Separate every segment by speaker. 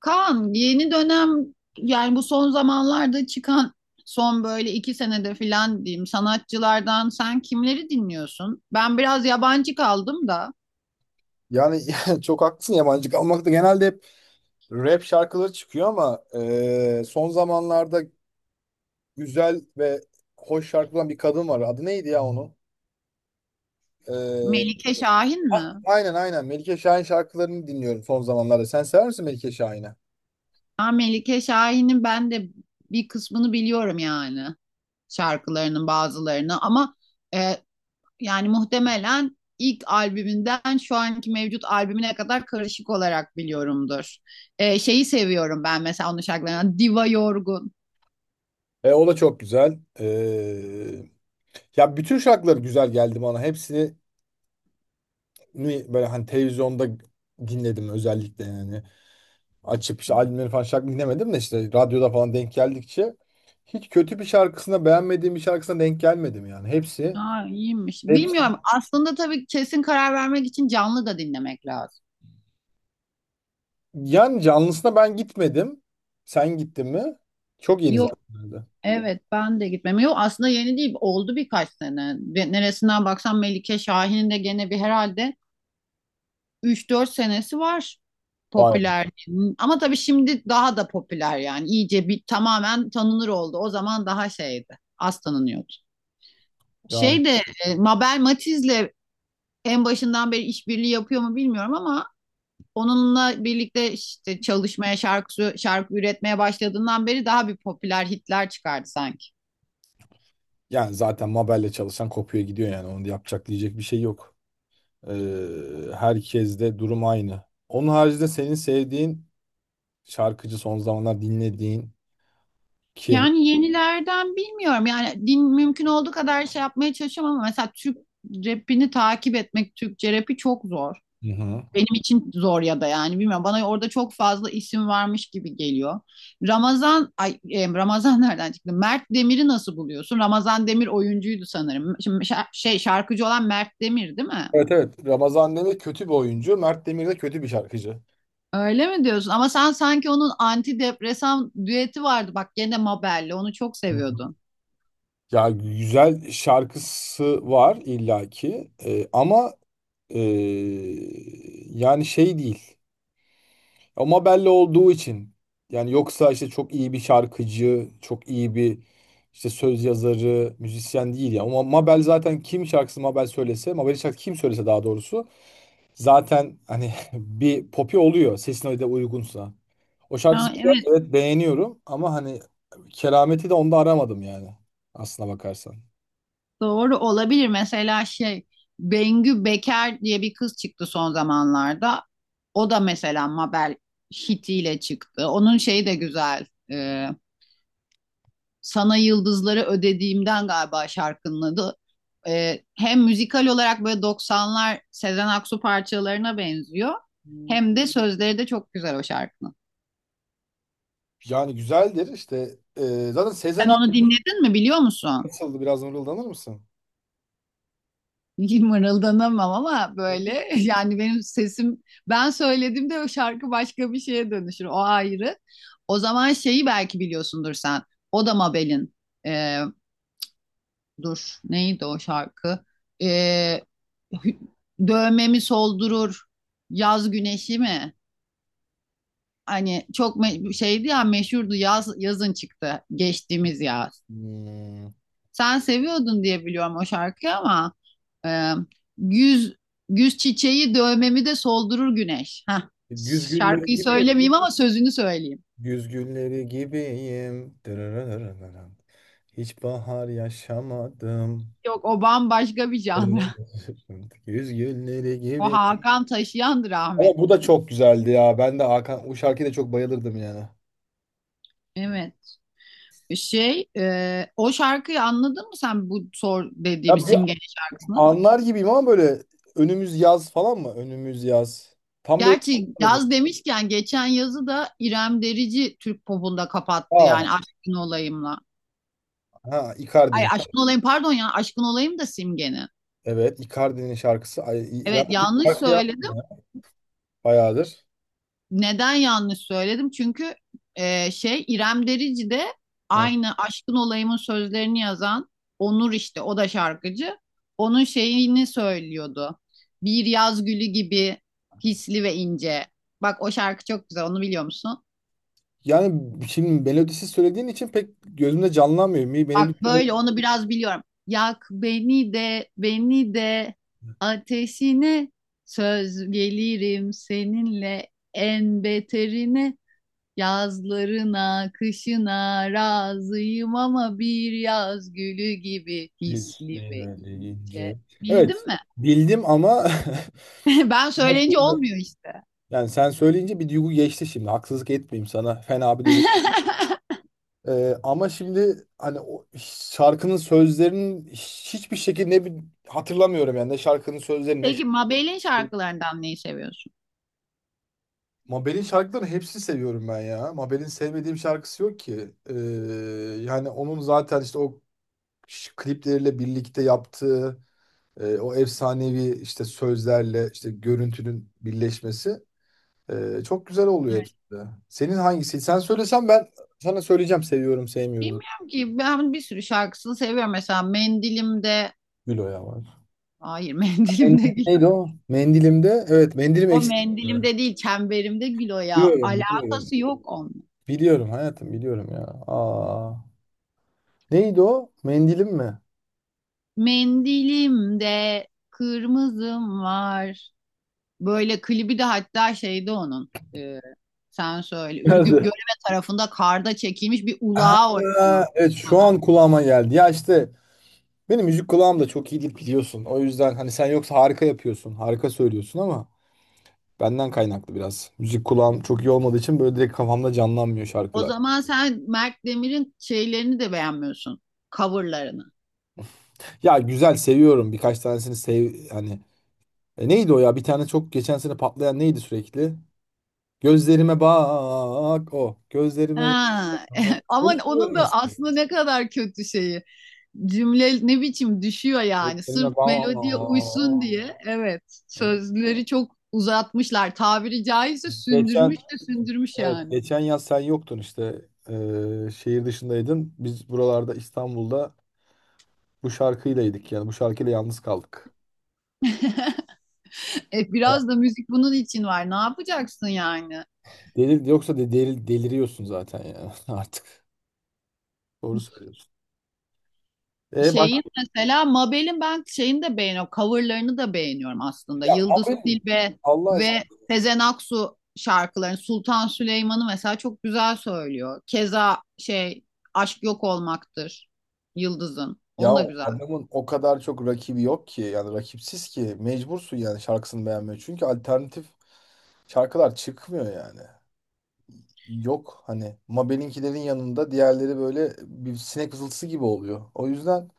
Speaker 1: Kaan yeni dönem, yani bu son zamanlarda çıkan son böyle iki senede filan diyeyim sanatçılardan sen kimleri dinliyorsun? Ben biraz yabancı kaldım da.
Speaker 2: Yani çok haklısın, yabancı kalmakta. Genelde hep rap şarkıları çıkıyor ama son zamanlarda güzel ve hoş şarkı olan bir kadın var. Adı neydi ya onun? E,
Speaker 1: Melike Şahin mi?
Speaker 2: aynen, Melike Şahin şarkılarını dinliyorum son zamanlarda. Sen sever misin Melike Şahin'i?
Speaker 1: Ha, Melike Şahin'in ben de bir kısmını biliyorum, yani şarkılarının bazılarını, ama e, yani muhtemelen ilk albümünden şu anki mevcut albümüne kadar karışık olarak biliyorumdur. Şeyi seviyorum ben mesela onun şarkılarından, Diva Yorgun.
Speaker 2: O da çok güzel. Ya, bütün şarkıları güzel geldi bana. Hepsini böyle hani televizyonda dinledim özellikle yani. Açıp işte albümleri falan şarkı dinlemedim de işte radyoda falan denk geldikçe hiç kötü bir şarkısına, beğenmediğim bir şarkısına denk gelmedim yani. Hepsi,
Speaker 1: Ha, iyiymiş.
Speaker 2: hepsi.
Speaker 1: Bilmiyorum. Aslında tabii kesin karar vermek için canlı da dinlemek lazım.
Speaker 2: Yani canlısına ben gitmedim. Sen gittin mi? Çok yeni zaten
Speaker 1: Yok,
Speaker 2: herhalde.
Speaker 1: evet ben de gitmem. Yok, aslında yeni değil. Oldu birkaç sene. Ve neresinden baksan Melike Şahin'in de gene bir herhalde üç dört senesi var
Speaker 2: Vay be.
Speaker 1: popüler. Ama tabii şimdi daha da popüler yani. İyice bir tamamen tanınır oldu. O zaman daha şeydi. Az tanınıyordu.
Speaker 2: Yani,
Speaker 1: Şey de Mabel Matiz'le en başından beri işbirliği yapıyor mu bilmiyorum, ama onunla birlikte işte çalışmaya, şarkı üretmeye başladığından beri daha bir popüler hitler çıkardı sanki.
Speaker 2: yani zaten Mabel'le çalışan kopuyor gidiyor yani. Onu da yapacak, diyecek bir şey yok. Herkes de durum aynı. Onun haricinde senin sevdiğin şarkıcı, son zamanlar dinlediğin kim?
Speaker 1: Yani yenilerden bilmiyorum. Yani din, mümkün olduğu kadar şey yapmaya çalışıyorum, ama mesela Türk rapini takip etmek, Türkçe rapi çok zor.
Speaker 2: Hı hı.
Speaker 1: Benim için zor ya da yani bilmiyorum. Bana orada çok fazla isim varmış gibi geliyor. Ramazan nereden çıktı? Mert Demir'i nasıl buluyorsun? Ramazan Demir oyuncuydu sanırım. Şimdi şarkıcı olan Mert Demir değil mi?
Speaker 2: Evet, evet. Ramazan Demir kötü bir oyuncu. Mert Demir de kötü bir şarkıcı.
Speaker 1: Öyle mi diyorsun? Ama sen sanki onun antidepresan düeti vardı. Bak gene Mabel'le onu çok
Speaker 2: Hı hı.
Speaker 1: seviyordun.
Speaker 2: Ya, güzel şarkısı var illaki. Ama ee, yani şey değil. Ama belli olduğu için, yani yoksa işte çok iyi bir şarkıcı, çok iyi bir işte söz yazarı, müzisyen değil ya. Ama Mabel zaten kim şarkısı Mabel söylese, Mabel'in şarkısı kim söylese daha doğrusu zaten hani bir popi oluyor, sesin öyle de uygunsa. O şarkısı
Speaker 1: Ha,
Speaker 2: güzel,
Speaker 1: evet,
Speaker 2: evet, beğeniyorum ama hani kerameti de onda aramadım yani, aslına bakarsan.
Speaker 1: doğru olabilir. Mesela şey, Bengü Beker diye bir kız çıktı son zamanlarda. O da mesela Mabel hitiyle çıktı. Onun şeyi de güzel. Ee, Sana Yıldızları Ödediğimden galiba şarkının adı. Hem müzikal olarak böyle 90'lar Sezen Aksu parçalarına benziyor. Hem de sözleri de çok güzel o şarkının.
Speaker 2: Yani güzeldir işte, zaten Sezen
Speaker 1: Sen onu
Speaker 2: Aksu
Speaker 1: dinledin mi, biliyor musun?
Speaker 2: nasıldı, biraz mırıldanır mısın?
Speaker 1: Mırıldanamam ama
Speaker 2: Evet.
Speaker 1: böyle, yani benim sesim, ben söylediğimde o şarkı başka bir şeye dönüşür. O ayrı. O zaman şeyi belki biliyorsundur sen. O da Mabel'in, e, dur neydi o şarkı? E, hü- dövmemi soldurur yaz güneşi mi? Hani çok şeydi ya, meşhurdu, yaz, yazın çıktı geçtiğimiz yaz.
Speaker 2: Hmm.
Speaker 1: Sen seviyordun diye biliyorum o şarkıyı, ama e, güz güz çiçeği dövmemi de soldurur güneş. Heh,
Speaker 2: Güzgülleri
Speaker 1: şarkıyı
Speaker 2: gibiyim.
Speaker 1: söylemeyeyim ama sözünü söyleyeyim.
Speaker 2: Güz gülleri gibiyim. Dırırırırırırım. Hiç bahar yaşamadım.
Speaker 1: Yok, o bambaşka bir janra.
Speaker 2: Güzgülleri
Speaker 1: O
Speaker 2: gibi.
Speaker 1: Hakan Taşıyan'dı
Speaker 2: Ama bu
Speaker 1: rahmetli.
Speaker 2: da çok güzeldi ya. Ben de Hakan, o şarkıya da çok bayılırdım yani.
Speaker 1: Evet. Şey, o şarkıyı anladın mı sen, bu sor dediğimiz
Speaker 2: Ya bir
Speaker 1: Simge'nin şarkısını?
Speaker 2: anlar gibiyim ama böyle, önümüz yaz falan mı? Önümüz yaz. Tam böyle.
Speaker 1: Gerçi yaz demişken geçen yazı da İrem Derici Türk popunda kapattı
Speaker 2: Aa,
Speaker 1: yani, Aşkın Olayım'la.
Speaker 2: ha,
Speaker 1: Ay,
Speaker 2: Icardi'nin.
Speaker 1: Aşkın Olayım, pardon ya, Aşkın Olayım da Simge'nin.
Speaker 2: Evet, Icardi'nin şarkısı. Ay, İrem
Speaker 1: Evet, yanlış
Speaker 2: şarkı
Speaker 1: söyledim.
Speaker 2: yapmıyor ya, bayağıdır.
Speaker 1: Neden yanlış söyledim? Çünkü şey, İrem Derici de
Speaker 2: Hı.
Speaker 1: aynı Aşkın Olayım'ın sözlerini yazan Onur, işte o da şarkıcı. Onun şeyini söylüyordu. Bir yaz gülü gibi, hisli ve ince. Bak o şarkı çok güzel, onu biliyor musun?
Speaker 2: Yani şimdi melodisi söylediğin için pek gözümde canlanmıyor. Mi, melodisi
Speaker 1: Bak
Speaker 2: böyle
Speaker 1: böyle onu biraz biliyorum. Yak beni de, beni de ateşine, söz gelirim seninle en beterine. Yazlarına, kışına razıyım ama bir yaz gülü gibi, hisli ve
Speaker 2: üstüne
Speaker 1: ince.
Speaker 2: deyince. Evet,
Speaker 1: Bildin mi?
Speaker 2: bildim ama
Speaker 1: Ben söyleyince
Speaker 2: nasıl
Speaker 1: olmuyor işte.
Speaker 2: yani, sen söyleyince bir duygu geçti şimdi. Haksızlık etmeyeyim sana. Fena bir duygu. Ama şimdi hani o şarkının sözlerinin hiçbir şekilde, ne bir hatırlamıyorum yani, ne şarkının sözlerini ne
Speaker 1: Peki Mabel'in
Speaker 2: şarkı-
Speaker 1: şarkılarından neyi seviyorsun?
Speaker 2: Mabel'in şarkılarını hepsini seviyorum ben ya. Mabel'in sevmediğim şarkısı yok ki. Yani onun zaten işte o klipleriyle birlikte yaptığı, o efsanevi işte sözlerle işte görüntünün birleşmesi, çok güzel oluyor
Speaker 1: Evet.
Speaker 2: hepsi de. Senin hangisi? Sen söylesen ben sana söyleyeceğim, seviyorum sevmiyorum.
Speaker 1: Bilmiyorum ki, ben bir sürü şarkısını seviyorum. Mesela Mendilimde,
Speaker 2: Bilo ya.
Speaker 1: hayır Mendilimde
Speaker 2: Mendil
Speaker 1: gül.
Speaker 2: neydi o? Mendilimde. Evet, mendilim
Speaker 1: O
Speaker 2: eksik.
Speaker 1: Mendilimde değil, Çemberimde gül o ya.
Speaker 2: Biliyorum, biliyorum.
Speaker 1: Alakası yok onun.
Speaker 2: Biliyorum hayatım, biliyorum ya. Aa, neydi o? Mendilim mi?
Speaker 1: Mendilimde kırmızım var. Böyle klibi de hatta, şeyde onun, sen söyle, Ürgüp
Speaker 2: Nerede?
Speaker 1: Göreme tarafında karda çekilmiş bir ulağa oynuyor.
Speaker 2: Aa, evet, şu
Speaker 1: Haber.
Speaker 2: an kulağıma geldi. Ya işte benim müzik kulağım da çok iyi değil biliyorsun. O yüzden hani sen yoksa harika yapıyorsun. Harika söylüyorsun ama benden kaynaklı biraz. Müzik kulağım çok iyi olmadığı için böyle direkt kafamda canlanmıyor
Speaker 1: O
Speaker 2: şarkılar.
Speaker 1: zaman sen Mert Demir'in şeylerini de beğenmiyorsun. Coverlarını.
Speaker 2: Ya güzel, seviyorum. Birkaç tanesini sev hani. E, neydi o ya? Bir tane çok geçen sene patlayan neydi sürekli? Gözlerime bak, o. Gözlerime
Speaker 1: Ha.
Speaker 2: bak. Bunu
Speaker 1: Ama onun da
Speaker 2: mesela.
Speaker 1: aslında ne kadar kötü şeyi. Cümle ne biçim düşüyor yani. Sırf
Speaker 2: Gözlerime bak.
Speaker 1: melodiye uysun diye. Evet.
Speaker 2: Hani
Speaker 1: Sözleri çok uzatmışlar. Tabiri caizse
Speaker 2: geçen,
Speaker 1: sündürmüş de sündürmüş
Speaker 2: evet
Speaker 1: yani.
Speaker 2: geçen yaz sen yoktun işte. Şehir dışındaydın. Biz buralarda İstanbul'da bu şarkıylaydık yani, bu şarkıyla yalnız kaldık. Hayat-
Speaker 1: Biraz da müzik bunun için var. Ne yapacaksın yani?
Speaker 2: Delir, yoksa deliriyorsun zaten ya artık. Doğru söylüyorsun. E bak,
Speaker 1: Şeyin mesela, Mabel'in ben şeyini de beğeniyorum. Coverlarını da beğeniyorum aslında.
Speaker 2: ya
Speaker 1: Yıldız
Speaker 2: mobil,
Speaker 1: Tilbe
Speaker 2: Allah
Speaker 1: ve
Speaker 2: aşkına.
Speaker 1: Sezen Aksu şarkılarını, Sultan Süleyman'ı mesela çok güzel söylüyor. Keza şey, Aşk Yok Olmaktır, Yıldız'ın.
Speaker 2: Ya
Speaker 1: Onu da güzel.
Speaker 2: adamın o kadar çok rakibi yok ki, yani rakipsiz ki mecbursun yani şarkısını beğenmeye. Çünkü alternatif şarkılar çıkmıyor yani. Yok hani, Mabel'inkilerin yanında diğerleri böyle bir sinek vızıltısı gibi oluyor. O yüzden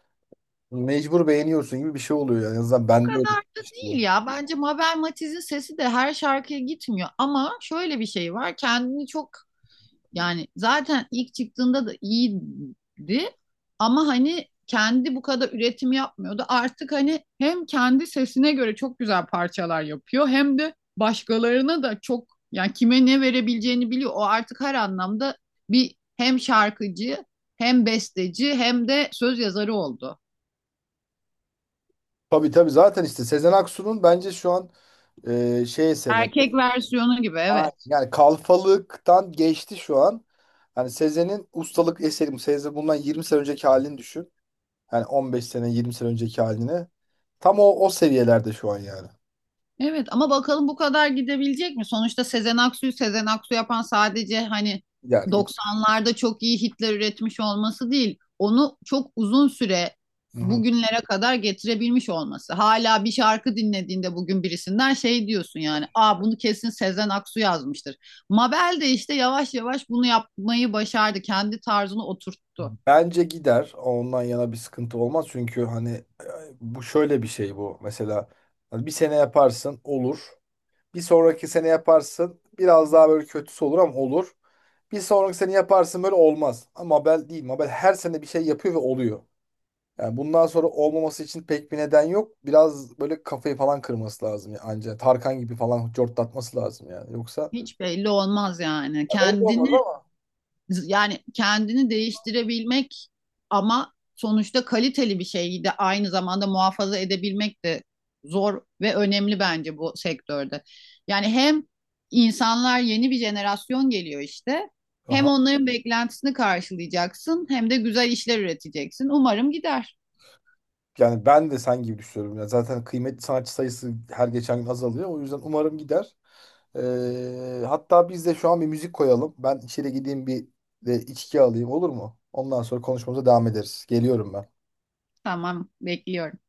Speaker 2: mecbur beğeniyorsun gibi bir şey oluyor yani. En azından
Speaker 1: O
Speaker 2: bende öyle
Speaker 1: kadar da
Speaker 2: işliyor.
Speaker 1: değil ya. Bence Mabel Matiz'in sesi de her şarkıya gitmiyor. Ama şöyle bir şey var. Kendini çok, yani zaten ilk çıktığında da iyiydi ama hani kendi bu kadar üretim yapmıyordu. Artık hani hem kendi sesine göre çok güzel parçalar yapıyor, hem de başkalarına da çok, yani kime ne verebileceğini biliyor. O artık her anlamda bir hem şarkıcı, hem besteci, hem de söz yazarı oldu.
Speaker 2: Tabii tabii, zaten işte Sezen Aksu'nun bence şu an şey eseri.
Speaker 1: Erkek versiyonu gibi,
Speaker 2: Aynen.
Speaker 1: evet.
Speaker 2: Yani kalfalıktan geçti şu an. Hani Sezen'in ustalık eseri. Sezen bundan 20 sene önceki halini düşün. Yani 15 sene, 20 sene önceki haline. Tam o seviyelerde şu an yani.
Speaker 1: Evet ama bakalım bu kadar gidebilecek mi? Sonuçta Sezen Aksu'yu Sezen Aksu yapan sadece hani
Speaker 2: Gider gider.
Speaker 1: 90'larda çok iyi hitler üretmiş olması değil. Onu çok uzun süre
Speaker 2: Hı hı.
Speaker 1: bugünlere kadar getirebilmiş olması. Hala bir şarkı dinlediğinde bugün birisinden şey diyorsun yani. Aa, bunu kesin Sezen Aksu yazmıştır. Mabel de işte yavaş yavaş bunu yapmayı başardı. Kendi tarzını oturttu.
Speaker 2: Bence gider. Ondan yana bir sıkıntı olmaz. Çünkü hani, bu şöyle bir şey bu. Mesela hani bir sene yaparsın olur. Bir sonraki sene yaparsın biraz daha böyle kötüsü olur ama olur. Bir sonraki sene yaparsın böyle olmaz. Ama Mabel değil. Mabel her sene bir şey yapıyor ve oluyor. Yani bundan sonra olmaması için pek bir neden yok. Biraz böyle kafayı falan kırması lazım ya anca. Tarkan gibi falan cortlatması lazım yani. Yoksa
Speaker 1: Hiç belli olmaz yani.
Speaker 2: ayıp olmaz
Speaker 1: Kendini,
Speaker 2: ama.
Speaker 1: yani kendini değiştirebilmek ama sonuçta kaliteli bir şeyi de aynı zamanda muhafaza edebilmek de zor ve önemli bence bu sektörde. Yani hem insanlar, yeni bir jenerasyon geliyor işte. Hem
Speaker 2: Aha.
Speaker 1: onların beklentisini karşılayacaksın, hem de güzel işler üreteceksin. Umarım gider.
Speaker 2: Yani ben de sen gibi düşünüyorum. Yani zaten kıymetli sanatçı sayısı her geçen gün azalıyor. O yüzden umarım gider. Hatta biz de şu an bir müzik koyalım. Ben içeri gideyim, bir de içki alayım, olur mu? Ondan sonra konuşmamıza devam ederiz. Geliyorum ben.
Speaker 1: Tamam, bekliyorum.